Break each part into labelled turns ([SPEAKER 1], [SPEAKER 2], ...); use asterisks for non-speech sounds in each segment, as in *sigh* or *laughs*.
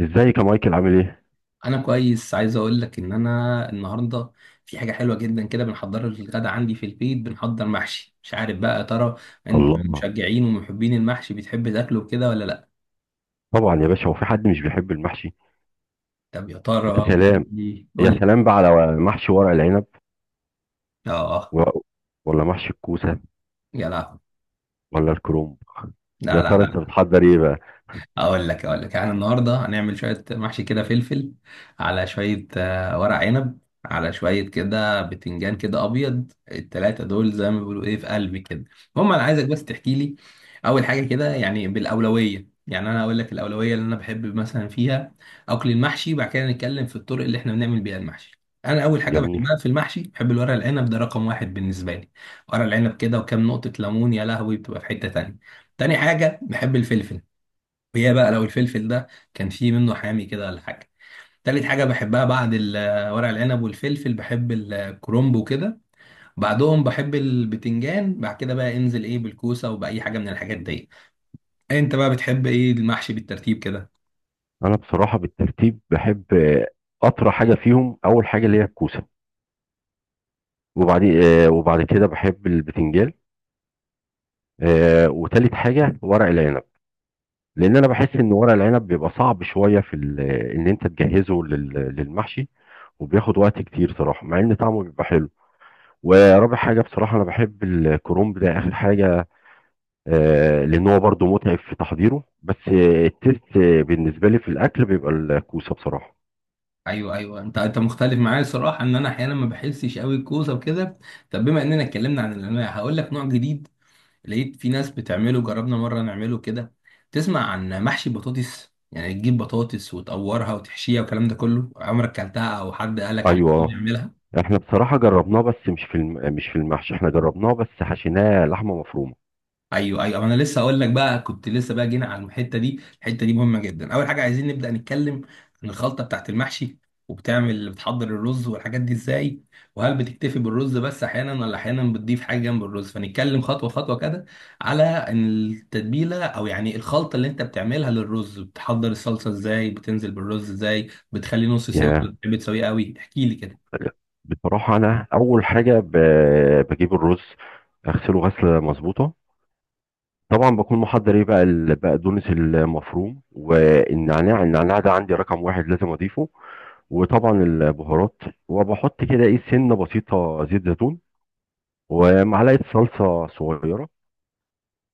[SPEAKER 1] ازيك يا مايكل عامل ايه؟
[SPEAKER 2] انا كويس. عايز اقول لك ان انا النهارده في حاجه حلوه جدا كده. بنحضر الغدا عندي في البيت، بنحضر محشي. مش عارف بقى يا ترى انت من
[SPEAKER 1] الله،
[SPEAKER 2] مشجعين ومحبين المحشي، بتحب تاكله كده ولا لا؟
[SPEAKER 1] طبعا يا باشا، هو في حد مش بيحب المحشي؟
[SPEAKER 2] طب يا
[SPEAKER 1] يا
[SPEAKER 2] ترى قول
[SPEAKER 1] سلام،
[SPEAKER 2] لي قول
[SPEAKER 1] يا
[SPEAKER 2] لي.
[SPEAKER 1] سلام بقى على محشي ورق العنب
[SPEAKER 2] اه.
[SPEAKER 1] و... ولا محشي الكوسه،
[SPEAKER 2] يا لا.
[SPEAKER 1] ولا الكرنب. يا
[SPEAKER 2] لا لا
[SPEAKER 1] ترى انت
[SPEAKER 2] لا.
[SPEAKER 1] بتحضر ايه بقى؟
[SPEAKER 2] اقول لك اقول لك، يعني النهارده هنعمل شويه محشي كده، فلفل على شويه ورق عنب، على شويه كده بتنجان كده ابيض. التلاته دول زي ما بيقولوا ايه، في قلبي كده. المهم انا عايزك بس تحكي لي اول حاجه كده، يعني بالاولويه، يعني انا اقول لك الاولويه اللي انا بحب مثلا فيها اكل المحشي، بعد كده نتكلم في الطرق اللي احنا بنعمل بيها المحشي. انا اول حاجه
[SPEAKER 1] جميل.
[SPEAKER 2] بحبها في المحشي بحب الورق العنب، ده رقم واحد بالنسبه لي. ورق العنب كده وكام نقطه ليمون، يا لهوي، بتبقى في حته تانية. تاني حاجه بحب الفلفل، وهي بقى لو الفلفل ده كان فيه منه حامي كده ولا حاجه. تالت حاجه بحبها بعد ورق العنب والفلفل بحب الكرنب وكده. بعدهم بحب البتنجان، بعد كده بقى انزل ايه بالكوسه وباي حاجه من الحاجات دي. انت بقى بتحب ايه المحشي بالترتيب كده؟
[SPEAKER 1] انا بصراحه بالترتيب بحب، اطرى حاجه فيهم اول حاجه اللي هي الكوسه، وبعدين وبعد كده بحب البتنجان، وتالت حاجه ورق العنب، لان انا بحس ان ورق العنب بيبقى صعب شويه ان انت تجهزه للمحشي، وبياخد وقت كتير صراحه مع ان طعمه بيبقى حلو. ورابع حاجة بصراحة أنا بحب الكرومب ده آخر حاجة، لأن هو برضه متعب في تحضيره، بس التيست بالنسبة لي في الأكل بيبقى الكوسة بصراحة.
[SPEAKER 2] ايوه ايوه، انت مختلف معايا. الصراحه ان انا احيانا ما بحسش قوي الكوسه وكده. طب بما اننا اتكلمنا عن الانواع، هقول لك نوع جديد لقيت في ناس بتعمله، جربنا مرة نعمله كده. تسمع عن محشي بطاطس؟ يعني تجيب بطاطس وتقورها وتحشيها والكلام ده كله. عمرك كلتها او حد قالك عليك
[SPEAKER 1] أيوه،
[SPEAKER 2] اه
[SPEAKER 1] آه.
[SPEAKER 2] بتعملها؟
[SPEAKER 1] إحنا بصراحة جربناه بس مش في المحشي، إحنا جربناه بس حشيناه لحمة مفرومة.
[SPEAKER 2] ايوه ايوه، انا لسه اقول لك بقى، كنت لسه بقى جينا على الحته دي. الحته دي مهمه جدا. اول حاجه عايزين نبدا نتكلم عن الخلطه بتاعت المحشي. وبتعمل بتحضر الرز والحاجات دي ازاي، وهل بتكتفي بالرز بس احيانا، ولا احيانا بتضيف حاجه جنب الرز؟ فنتكلم خطوه خطوه كده على التتبيله، او يعني الخلطه اللي انت بتعملها للرز. بتحضر الصلصه ازاي، بتنزل بالرز ازاي، بتخليه نص سوا ولا
[SPEAKER 1] يا،
[SPEAKER 2] بتحب تسويه قوي؟ احكي لي كده.
[SPEAKER 1] بصراحة أنا أول حاجة، بجيب الرز، أغسله غسلة مظبوطة، طبعا بكون محضر إيه بقى البقدونس المفروم والنعناع، ده عندي رقم واحد لازم أضيفه، وطبعا البهارات، وبحط كده ايه سنه بسيطه زيت زيتون، ومعلقه صلصه صغيره،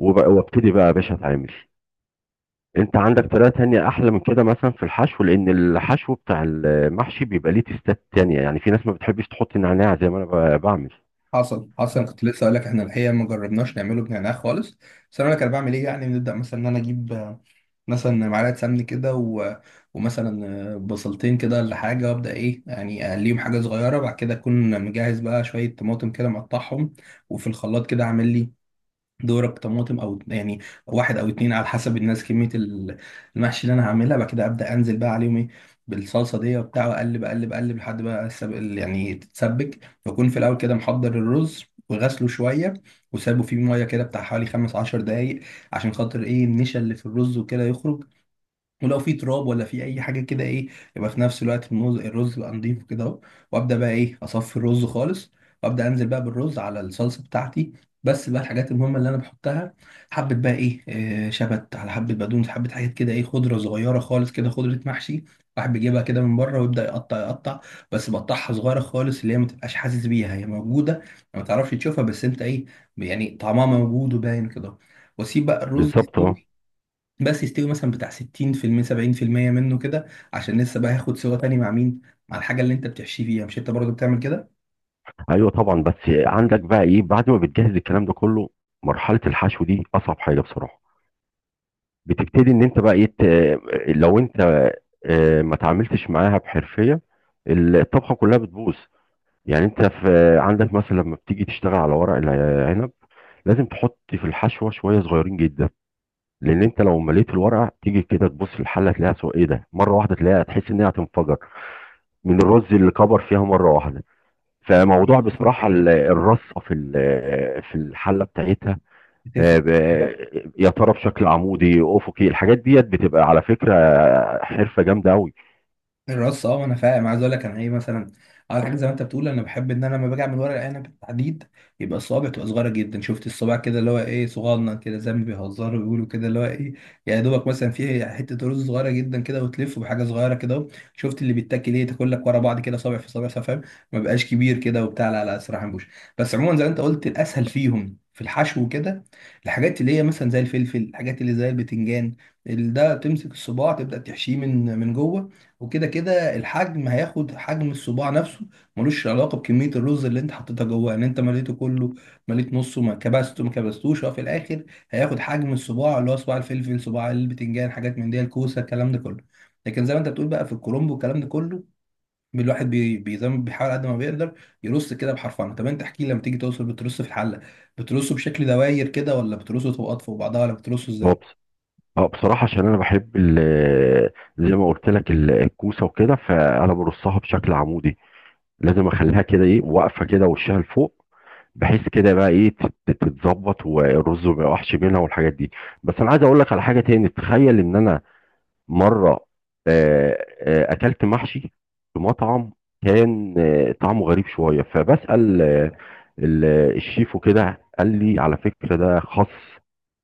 [SPEAKER 1] وابتدي بقى يا باشا اتعامل. انت عندك طريقه تانية احلى من كده مثلا في الحشو؟ لان الحشو بتاع المحشي بيبقى ليه تيستات تانية، يعني في ناس ما بتحبش تحط نعناع زي ما انا بعمل.
[SPEAKER 2] حصل حصل. كنت لسه اقول لك احنا الحقيقه ما جربناش نعمله بنعناع خالص. بس انا اقول لك انا بعمل ايه. يعني بنبدا مثلا ان انا اجيب مثلا معلقه سمن كده، ومثلا بصلتين كده ولا حاجه، وابدا ايه، يعني اقليهم حاجه صغيره. بعد كده اكون مجهز بقى شويه طماطم كده مقطعهم، وفي الخلاط كده اعمل لي دورك طماطم، او يعني واحد او اتنين على حسب الناس، كميه المحشي اللي انا هعملها. بعد كده ابدا انزل بقى عليهم ايه، بالصلصه دي وبتاع، واقلب اقلب اقلب لحد بقى يعني تتسبك. واكون في الاول كده محضر الرز وغسله شويه وسابه فيه ميه كده بتاع حوالي 15 دقايق، عشان خاطر ايه، النشا اللي في الرز وكده يخرج، ولو في تراب ولا في اي حاجه كده ايه. يبقى في نفس الوقت الرز يبقى نضيف كده اهو. وابدا بقى ايه، اصفي الرز خالص وابدا انزل بقى بالرز على الصلصه بتاعتي. بس بقى الحاجات المهمه اللي انا بحطها، حبه بقى ايه، شبت، على حبه بقدونس، حبه حاجات كده ايه، خضره صغيره خالص كده، خضره محشي. واحد بيجيبها كده من بره ويبدا يقطع يقطع، بس بقطعها صغيره خالص اللي هي ما تبقاش حاسس بيها هي موجوده، ما تعرفش تشوفها بس انت ايه، يعني طعمها موجود وباين كده. واسيب بقى الرز
[SPEAKER 1] بالظبط، اه.
[SPEAKER 2] يستوي، بس يستوي مثلا بتاع 60%، 70% منه كده، عشان لسه بقى هياخد سوا تاني، مع مين، مع الحاجه اللي انت بتحشيه فيها. مش انت برضو بتعمل كده؟
[SPEAKER 1] ايوه طبعا، بس عندك بقى ايه بعد ما بتجهز الكلام ده كله؟ مرحله الحشو دي اصعب حاجه بصراحه، بتبتدي ان انت بقى لو انت ما تعاملتش معاها بحرفيه، الطبخه كلها بتبوظ. يعني انت في عندك مثلا لما بتيجي تشتغل على ورق العنب، لازم تحط في الحشوه شويه صغيرين جدا، لان انت لو مليت الورقه تيجي كده تبص في الحله تلاقيها سو ايه ده مره واحده، تلاقيها تحس ان هي هتنفجر من الرز اللي كبر فيها مره واحده. فموضوع بصراحه الرصه في في الحله بتاعتها،
[SPEAKER 2] أكيد.
[SPEAKER 1] يا ترى بشكل عمودي افقي، الحاجات ديت بتبقى على فكره حرفه جامده قوي.
[SPEAKER 2] الرص، اه انا فاهم. عايز اقول لك انا ايه، مثلا على حاجه زي ما انت بتقول، انا بحب ان انا لما باجي اعمل ورق العنب بالتحديد، يبقى الصوابع تبقى صغيره جدا، شفت الصباع كده اللي هو ايه صغنن كده، زي ما بيهزروا بيقولوا كده، اللي هو ايه، يا دوبك مثلا فيه حته رز صغيره جدا كده، وتلفه بحاجه صغيره كده اهو. شفت اللي بيتاكل ايه، تاكل لك ورا بعض كده، صابع في صابع، فاهم؟ ما بقاش كبير كده وبتاع، لا لا صراحه مش. بس عموما زي ما انت قلت، الاسهل فيهم في الحشو وكده الحاجات اللي هي مثلا زي الفلفل، الحاجات اللي زي البتنجان. ده تمسك الصباع تبدا تحشيه من جوه، وكده كده الحجم هياخد حجم الصباع نفسه. ملوش علاقه بكميه الرز اللي انت حطيتها جواه، ان انت مليته كله، مليت نصه، ما كبسته، ما كبستوش، هو في الاخر هياخد حجم الصباع، اللي هو صباع الفلفل، صباع البتنجان، حاجات من دي، الكوسه، الكلام ده كله. لكن زي ما انت بتقول بقى، في الكرنب والكلام ده كله، الواحد زي ما بيحاول قد ما بيقدر يرص كده بحرفنه. طب انت احكي لي، لما تيجي توصل بترص في الحله، بترصه بشكل دواير كده، ولا بترصه طبقات فوق بعضها، ولا بترصه
[SPEAKER 1] هو
[SPEAKER 2] ازاي؟
[SPEAKER 1] بص- بصراحه عشان انا بحب زي ما قلت لك الكوسه وكده، فانا برصها بشكل عمودي، لازم اخليها كده ايه واقفه كده وشها لفوق، بحيث كده بقى ايه تتظبط والرز ما يقعش منها والحاجات دي. بس انا عايز اقول لك على حاجه تاني، تخيل ان انا مرة أكلت محشي في مطعم، كان طعمه غريب شوية، فبسأل ال- الشيف وكده، قال لي على فكرة ده خس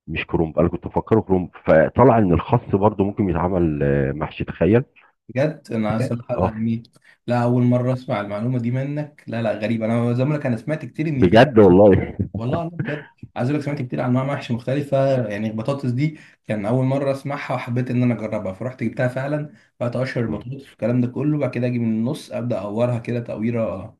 [SPEAKER 1] مش كرنب، أنا كنت مفكره كرنب، فطلع إن الخس برضو ممكن يتعمل محشي، تخيل.
[SPEAKER 2] بجد انا
[SPEAKER 1] لا.
[SPEAKER 2] صراحه لا،
[SPEAKER 1] اه
[SPEAKER 2] يعني لا، اول مره اسمع المعلومه دي منك. لا لا، غريبه. انا زي ما أقولك، انا سمعت كتير ان في.
[SPEAKER 1] بجد والله. *laughs*
[SPEAKER 2] والله لا، بجد. عايز اقول لك، سمعت كتير عن انواع محشي مختلفه، يعني البطاطس دي كان اول مره اسمعها، وحبيت ان انا اجربها، فرحت جبتها فعلا. بقيت اقشر
[SPEAKER 1] مم.
[SPEAKER 2] البطاطس والكلام ده كله، وبعد كده اجي من النص ابدا اقورها كده تقويره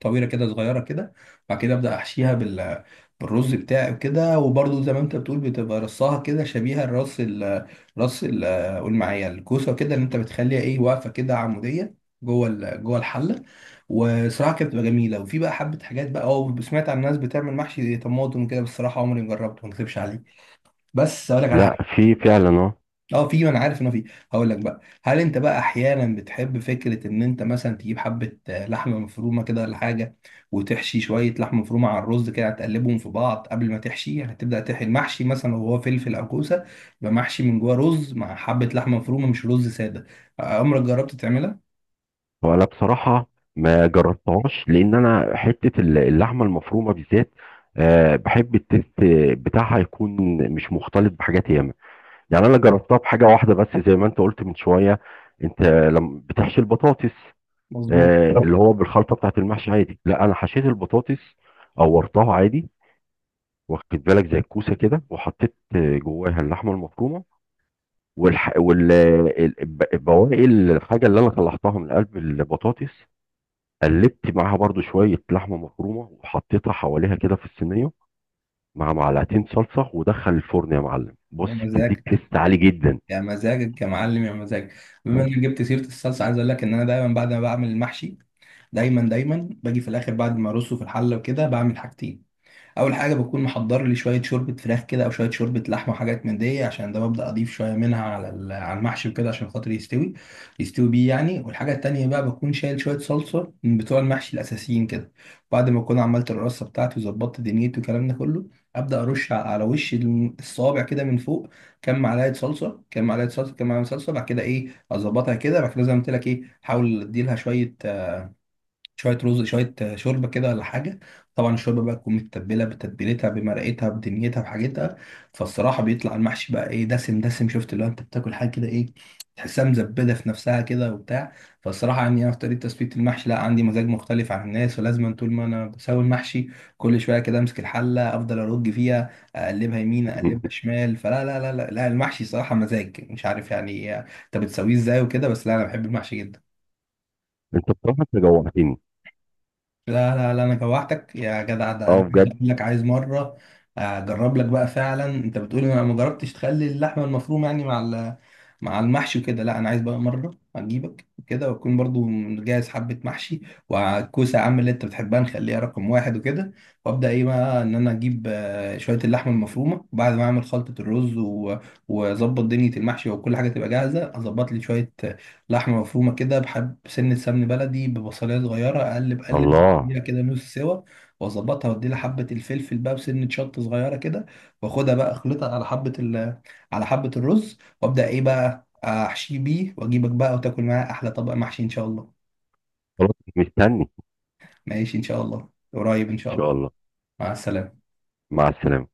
[SPEAKER 2] طويله كده صغيره كده، وبعد كده ابدا احشيها بالرز بتاعي وكده. وبرضه زي ما انت بتقول، بتبقى رصها كده شبيهه الرص ال رص ال قول معايا الكوسه كده اللي انت بتخليها ايه واقفه كده عموديه جوه جوه الحله. وصراحه كانت بتبقى جميله. وفي بقى حبه حاجات بقى، اه، سمعت عن ناس بتعمل محشي طماطم كده، بس الصراحه عمري ما جربته، ما اكذبش عليك. بس اقول لك على
[SPEAKER 1] لا
[SPEAKER 2] حاجه.
[SPEAKER 1] في فعلا اه.
[SPEAKER 2] اه، في، ما انا عارف انه في. هقول لك بقى، هل انت بقى احيانا بتحب فكره ان انت مثلا تجيب حبه لحمه مفرومه كده ولا حاجه، وتحشي شويه لحمه مفرومه على الرز كده، تقلبهم في بعض قبل ما تحشي، هتبدا تحشي المحشي مثلا لو هو فلفل او كوسه، يبقى محشي من جوه رز مع حبه لحمه مفرومه، مش رز ساده. عمرك جربت تعملها؟
[SPEAKER 1] وانا بصراحه ما جربتهاش، لان انا حته اللحمه المفرومه بالذات، آه بحب التست بتاعها يكون مش مختلط بحاجات ياما، يعني انا جربتها بحاجه واحده بس زي ما انت قلت من شويه. انت لما بتحشي البطاطس
[SPEAKER 2] مظبوط.
[SPEAKER 1] طب اللي هو بالخلطه بتاعت المحشي عادي؟ لا انا حشيت البطاطس، قورتها عادي، واخد بالك زي الكوسه كده، وحطيت جواها اللحمه المفرومه، والح... وال ال- الب- البواقي الحاجه اللي انا طلعتها من قلب البطاطس، قلبت معاها برضو شويه لحمه مفرومه، وحطيتها حواليها كده في الصينيه مع معلقتين صلصه، ودخل الفرن يا معلم،
[SPEAKER 2] يا
[SPEAKER 1] بص بتديك
[SPEAKER 2] مزاجك،
[SPEAKER 1] تيست عالي جدا.
[SPEAKER 2] يا مزاجك يا معلم، يا مزاجك. بما انك جبت سيره الصلصه، عايز اقول لك ان انا دايما بعد ما بعمل المحشي، دايما دايما باجي في الاخر بعد ما ارصه في الحله وكده بعمل حاجتين. اول حاجه بكون محضر لي شويه شوربه فراخ كده، او شويه شوربه لحمه وحاجات من دي، عشان ده ببدا اضيف شويه منها على على المحشي وكده عشان خاطر يستوي، يستوي بيه يعني. والحاجه التانيه بقى بكون شايل شويه صلصه من بتوع المحشي الاساسيين كده، بعد ما اكون عملت الرصه بتاعتي وظبطت دنيتي والكلام ده كله، ابدا ارش على وش الصوابع كده من فوق كام معلقه صلصه، كام معلقه صلصه، كام معلقه صلصه. بعد كده ايه اظبطها كده، بعد كده زي ما قلت لك ايه، احاول اديلها شويه، شويه رز، شويه شوربه كده ولا حاجه. طبعا الشوربه بقى تكون متبله بتتبيلتها، بمرقتها، بدنيتها، بحاجتها، فالصراحه بيطلع المحشي بقى ايه، دسم دسم، شفت اللي هو انت بتاكل حاجه كده ايه، تحسها مزبده في نفسها كده وبتاع. فالصراحه يعني انا في طريقه تثبيت المحشي لا، عندي مزاج مختلف عن الناس، ولازم طول ما انا بسوي المحشي كل شويه كده امسك الحله، افضل ارج فيها، اقلبها يمين، اقلبها
[SPEAKER 1] *laughs*
[SPEAKER 2] شمال، فلا لا لا لا, لا المحشي صراحه مزاج، مش عارف يعني انت بتسويه ازاي وكده، بس لا انا بحب المحشي جدا.
[SPEAKER 1] انت بصراحه انت جوعتني.
[SPEAKER 2] لا لا لا، انا جوعتك يا جدع. ده
[SPEAKER 1] اه
[SPEAKER 2] انا عايز
[SPEAKER 1] بجد.
[SPEAKER 2] اقول لك، عايز مره اجرب لك بقى فعلا. انت بتقول انا ما جربتش تخلي اللحمه المفرومه يعني مع مع المحشي وكده. لا انا عايز بقى مره اجيبك كده، واكون برضو مجهز حبه محشي، والكوسه يا عم اللي انت بتحبها نخليها رقم واحد وكده، وابدا ايه بقى ان انا اجيب شويه اللحمه المفرومه. وبعد ما اعمل خلطه الرز واظبط دنيا المحشي وكل حاجه تبقى جاهزه، اظبط لي شويه لحمة مفرومة كده، بحب سنة سمن بلدي، ببصلية صغيرة، أقلب أقلب
[SPEAKER 1] الله.
[SPEAKER 2] اديها كده نص سوا، وأظبطها وأديلها حبة الفلفل بقى بسنة شطة صغيرة كده، وأخدها بقى أخلطها على حبة على حبة الرز، وأبدأ إيه بقى أحشيه بيه، وأجيبك بقى وتاكل معاه أحلى طبق محشي إن شاء الله.
[SPEAKER 1] خلاص، مستني.
[SPEAKER 2] ماشي إن شاء الله، قريب إن شاء
[SPEAKER 1] ان
[SPEAKER 2] الله.
[SPEAKER 1] شاء الله.
[SPEAKER 2] مع السلامة.
[SPEAKER 1] مع السلامة.